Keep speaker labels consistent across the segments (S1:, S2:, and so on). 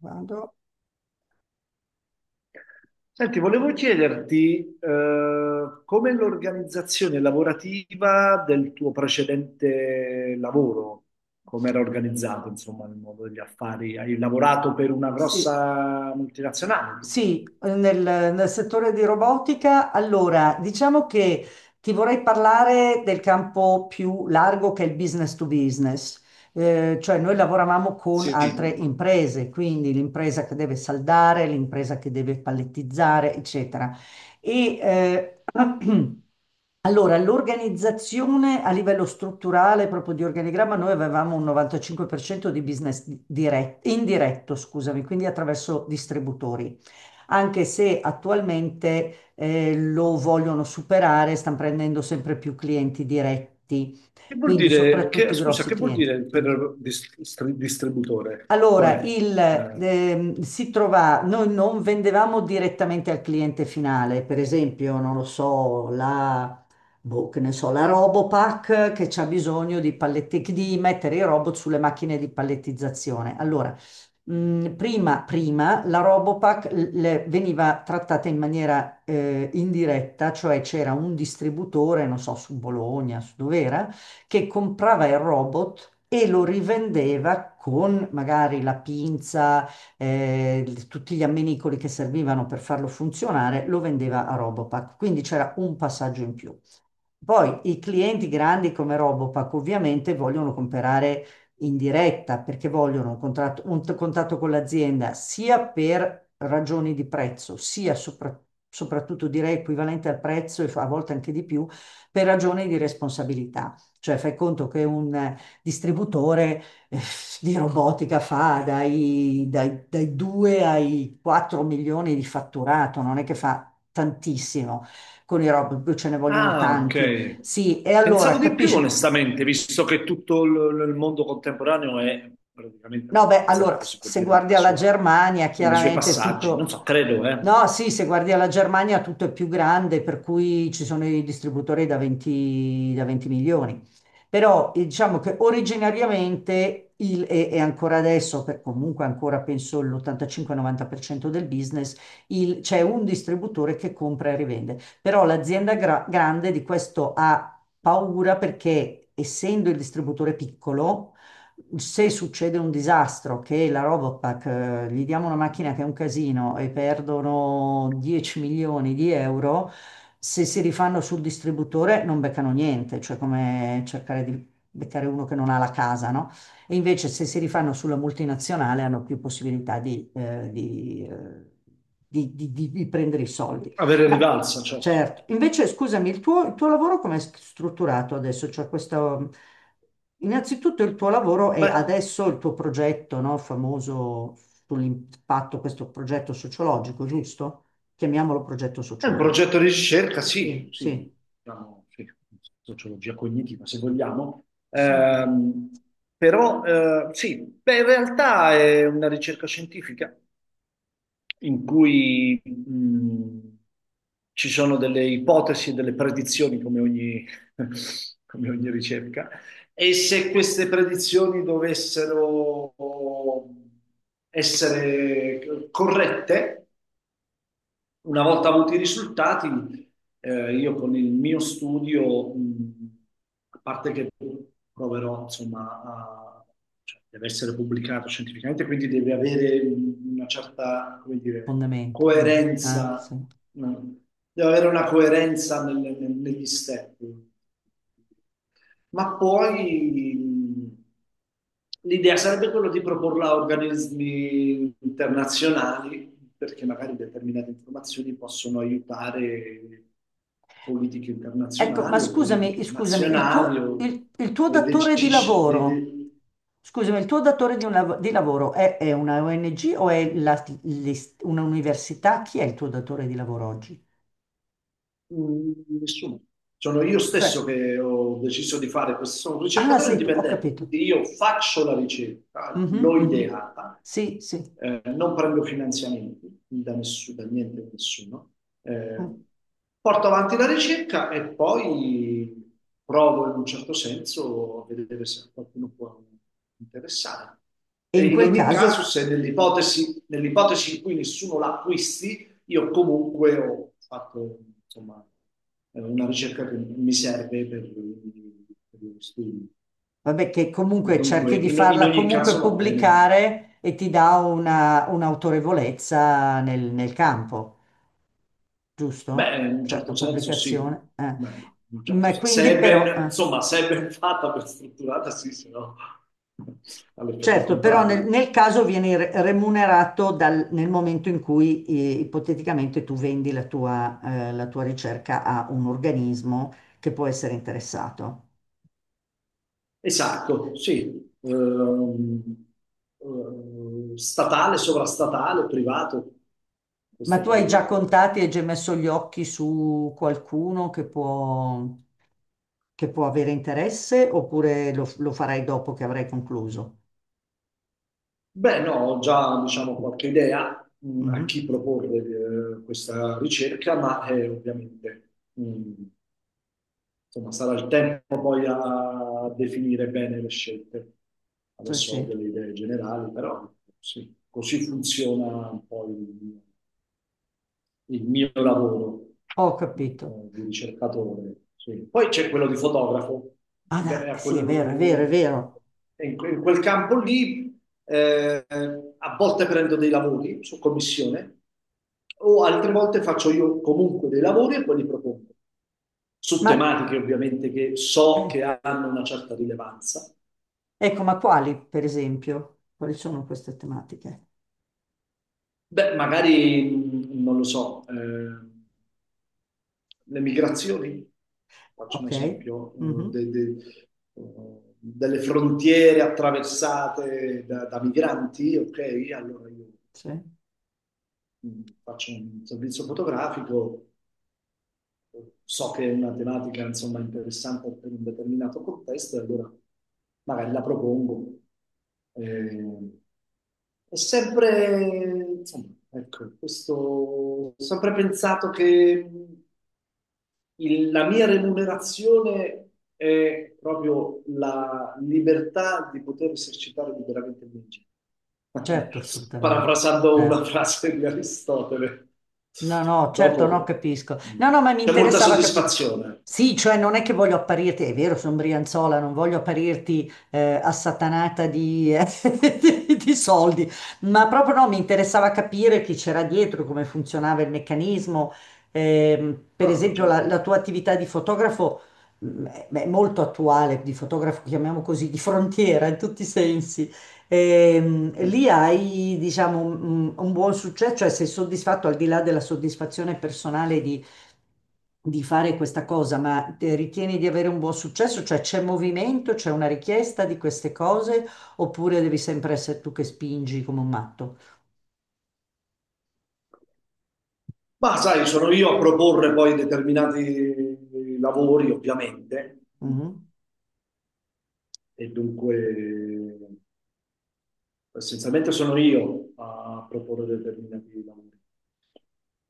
S1: Vado.
S2: Senti, volevo chiederti, com'è l'organizzazione lavorativa del tuo precedente lavoro? Com'era organizzato, insomma, nel mondo degli affari? Hai lavorato per una
S1: Sì,
S2: grossa multinazionale, giusto?
S1: sì, nel, nel settore di robotica. Allora, diciamo che ti vorrei parlare del campo più largo che è il business to business. Cioè noi lavoravamo con
S2: Sì. Che
S1: altre imprese, quindi l'impresa che deve saldare, l'impresa che deve pallettizzare, eccetera. E eh, Allora, l'organizzazione a livello strutturale, proprio di organigramma, noi avevamo un 95% di business diretto, indiretto, scusami, quindi attraverso distributori, anche se attualmente lo vogliono superare, stanno prendendo sempre più clienti diretti,
S2: vuol
S1: quindi
S2: dire,
S1: soprattutto i
S2: scusa,
S1: grossi
S2: che vuol
S1: clienti.
S2: dire per distributore?
S1: Allora,
S2: Cioè, eh.
S1: si trova, noi non vendevamo direttamente al cliente finale, per esempio, non lo so, boh, che ne so, la Robopack che c'ha bisogno di palletti, di mettere i robot sulle macchine di pallettizzazione. Allora, prima la Robopack veniva trattata in maniera indiretta, cioè c'era un distributore, non so, su Bologna, su dov'era, che comprava il robot e lo rivendeva con magari la pinza, tutti gli ammenicoli che servivano per farlo funzionare, lo vendeva a Robopack. Quindi c'era un passaggio in più. Poi i clienti grandi come Robopack ovviamente vogliono comprare in diretta perché vogliono un contratto, un contatto con l'azienda sia per ragioni di prezzo, soprattutto direi equivalente al prezzo e a volte anche di più, per ragioni di responsabilità. Cioè fai conto che un distributore eh, di robotica fa dai 2 ai 4 milioni di fatturato, non è che fa tantissimo con i robot, poi ce ne vogliono
S2: Ah,
S1: tanti.
S2: ok.
S1: Sì, e allora
S2: Pensavo di più,
S1: capisci.
S2: onestamente, visto che il mondo contemporaneo è praticamente
S1: No, beh, allora,
S2: robotizzato, si può
S1: se
S2: dire,
S1: guardi alla Germania,
S2: nei suoi
S1: chiaramente
S2: passaggi. Non
S1: tutto...
S2: so, credo, eh.
S1: No, sì, se guardi alla Germania tutto è più grande, per cui ci sono i distributori da 20, da 20 milioni. Però diciamo che originariamente, e ancora adesso, per, comunque ancora penso l'85-90% del business, c'è un distributore che compra e rivende. Però l'azienda grande di questo ha paura perché, essendo il distributore piccolo, se succede un disastro, che la Robopack, gli diamo una macchina che è un casino e perdono 10 milioni di euro, se si rifanno sul distributore non beccano niente, cioè come cercare di beccare uno che non ha la casa, no? E invece se si rifanno sulla multinazionale hanno più possibilità di prendere i soldi.
S2: Avere
S1: Ma
S2: rivalsa, certo.
S1: certo, invece scusami, il tuo lavoro come è strutturato adesso? Cioè questo... Innanzitutto il tuo lavoro e
S2: Beh,
S1: adesso il tuo progetto, no, famoso sull'impatto, questo progetto sociologico, giusto? Chiamiamolo progetto
S2: è un
S1: sociologico.
S2: progetto di ricerca,
S1: Sì,
S2: sì, sì,
S1: sì,
S2: diciamo, sì, sociologia cognitiva, se vogliamo.
S1: sì.
S2: Ehm, Però, sì, beh, in realtà è una ricerca scientifica, in cui ci sono delle ipotesi e delle predizioni, come ogni, come ogni ricerca, e se queste predizioni dovessero essere corrette, una volta avuti i risultati, io con il mio studio, a parte che proverò, insomma, cioè, deve essere pubblicato scientificamente, quindi deve avere una certa, come dire,
S1: Fondamento, ah,
S2: coerenza.
S1: sì.
S2: mh, Deve avere una coerenza negli step, ma poi l'idea sarebbe quella di proporla a organismi internazionali, perché magari determinate informazioni possono aiutare politiche
S1: Ecco, ma
S2: internazionali o
S1: scusami,
S2: politiche
S1: scusami,
S2: nazionali o
S1: il tuo
S2: dei,
S1: datore di lavoro, scusami, il tuo datore di, un di lavoro è una ONG o è un'università? Chi è il tuo datore di lavoro oggi?
S2: mm, nessuno. Sono io stesso
S1: Cioè,
S2: che ho deciso
S1: s-
S2: di fare questo. Sono un
S1: ah,
S2: ricercatore
S1: sei tu, ho
S2: indipendente,
S1: capito.
S2: quindi io faccio la ricerca,
S1: Mhm,
S2: l'ho
S1: mhm.
S2: ideata,
S1: Sì, sì.
S2: non prendo finanziamenti da nessuno, da niente, da nessuno. Eh, porto avanti la ricerca e poi provo in un certo senso a vedere se a qualcuno può interessare.
S1: E
S2: E
S1: in
S2: in
S1: quel
S2: ogni caso,
S1: caso,
S2: se nell'ipotesi in cui nessuno l'acquisti, io comunque ho fatto, insomma, una ricerca che mi serve per lo studio.
S1: vabbè, che
S2: E
S1: comunque
S2: dunque,
S1: cerchi di
S2: in
S1: farla
S2: ogni caso
S1: comunque
S2: va bene.
S1: pubblicare e ti dà una, un'autorevolezza nel, nel campo,
S2: Beh,
S1: giusto?
S2: in un
S1: Cioè la
S2: certo senso sì.
S1: pubblicazione.
S2: Beh, in un certo
S1: Ma
S2: sen-
S1: quindi
S2: se è
S1: però,
S2: ben, insomma, se è ben fatta, ben strutturata, sì, se no ha l'effetto
S1: certo, però nel,
S2: contrario.
S1: nel caso vieni remunerato nel momento in cui ipoteticamente tu vendi la tua ricerca a un organismo che può essere interessato.
S2: Esatto, sì. Statale, sovrastatale, privato.
S1: Ma
S2: Questo
S1: tu hai
S2: poi
S1: già
S2: è...
S1: contati, hai già messo gli occhi su qualcuno che può avere interesse oppure lo, lo farai dopo che avrai concluso?
S2: Beh, no, ho già, diciamo, qualche idea a
S1: Mhm.
S2: chi proporre questa ricerca, ma ovviamente, insomma, sarà il tempo poi a definire bene le scelte.
S1: Sì,
S2: Adesso ho
S1: sì,
S2: delle idee generali, però sì, così funziona un po' il mio lavoro
S1: ho capito.
S2: eh, di ricercatore. Sì. Poi c'è quello di fotografo.
S1: Ah, no,
S2: Beh, a
S1: sì, è vero, è vero, è
S2: quel-
S1: vero.
S2: in quel campo lì a volte prendo dei lavori su commissione o altre volte faccio io comunque dei lavori e poi li propongo su
S1: Ma
S2: tematiche ovviamente che so
S1: eh,
S2: che hanno una certa rilevanza.
S1: ecco, ma quali, per esempio? Quali sono queste tematiche?
S2: Beh, magari non lo so. Eh, le migrazioni, faccio un
S1: Ok?
S2: esempio,
S1: Mhm.
S2: delle frontiere attraversate da, da migranti, ok? Allora io
S1: Sì,
S2: faccio un servizio fotografico, so che è una tematica insomma interessante per un determinato contesto, e allora magari la propongo. Eh, è sempre, insomma, ecco, questo, ho sempre pensato che la mia remunerazione è proprio la libertà di poter esercitare liberamente il mio genio.
S1: certo, assolutamente.
S2: Parafrasando una
S1: Certo.
S2: frase di Aristotele.
S1: No, no, certo, no,
S2: Dopo
S1: capisco.
S2: mh,
S1: No, no, ma mi
S2: c'è molta
S1: interessava capito.
S2: soddisfazione.
S1: Sì, cioè non è che voglio apparirti, è vero, sono Brianzola, non voglio apparirti assatanata di, di soldi, ma proprio no, mi interessava capire chi c'era dietro, come funzionava il meccanismo. Per
S2: Certo,
S1: esempio,
S2: certo.
S1: la tua attività di fotografo è molto attuale, di fotografo, chiamiamo così, di frontiera in tutti i sensi. E lì hai, diciamo, un buon successo, cioè sei soddisfatto al di là della soddisfazione personale di fare questa cosa, ma te ritieni di avere un buon successo? Cioè c'è movimento, c'è una richiesta di queste cose, oppure devi sempre essere tu che spingi come un matto?
S2: Ma sai, sono io a proporre poi determinati lavori, ovviamente. Mm.
S1: Mhm.
S2: E dunque essenzialmente sono io a proporre determinati lavori.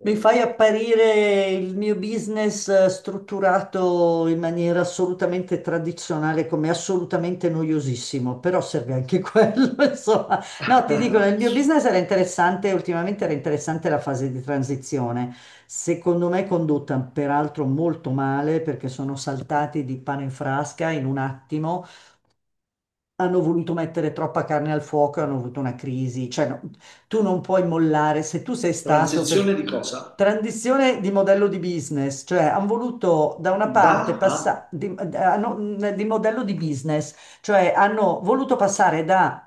S1: Mi fai
S2: Eh.
S1: apparire il mio business strutturato in maniera assolutamente tradizionale come assolutamente noiosissimo, però serve anche quello, insomma. No, ti dico, nel mio business era interessante, ultimamente era interessante la fase di transizione. Secondo me condotta peraltro molto male perché sono saltati di pane in frasca in un attimo, hanno voluto mettere troppa carne al fuoco e hanno avuto una crisi. Cioè, no, tu non puoi mollare se tu sei stato
S2: Transizione
S1: per
S2: di cosa?
S1: transizione di modello di business, cioè hanno voluto da una
S2: Da
S1: parte
S2: a...
S1: passare di modello di business, cioè hanno voluto passare da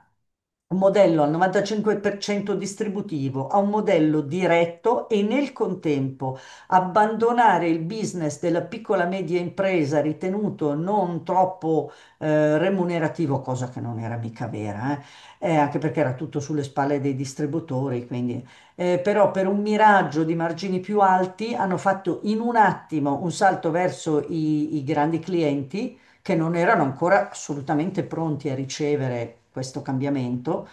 S1: un modello al 95% distributivo a un modello diretto e nel contempo abbandonare il business della piccola e media impresa ritenuto non troppo remunerativo, cosa che non era mica vera, anche perché era tutto sulle spalle dei distributori, quindi però per un miraggio di margini più alti hanno fatto in un attimo un salto verso i grandi clienti che non erano ancora assolutamente pronti a ricevere questo cambiamento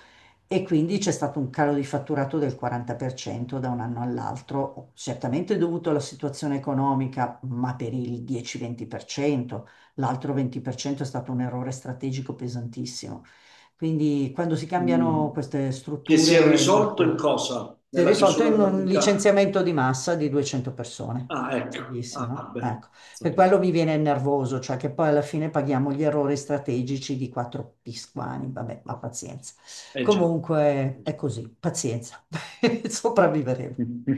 S1: e quindi c'è stato un calo di fatturato del 40% da un anno all'altro, certamente dovuto alla situazione economica, ma per il 10-20%, l'altro 20% è stato un errore strategico pesantissimo. Quindi quando si
S2: mm,
S1: cambiano queste
S2: che si è
S1: strutture è
S2: risolto in
S1: molto...
S2: cosa?
S1: Si è
S2: Nella
S1: risolto
S2: chiusura
S1: in un
S2: dell'attività?
S1: licenziamento di massa di 200 persone.
S2: Ah, ecco.
S1: Fighissimo,
S2: Ah,
S1: no?
S2: beh,
S1: Ecco, per
S2: stato-
S1: quello mi viene nervoso, cioè che poi alla fine paghiamo gli errori strategici di quattro pisquani, vabbè, ma pazienza.
S2: eh già.
S1: Comunque
S2: Eh
S1: è
S2: già.
S1: così, pazienza, sopravviveremo.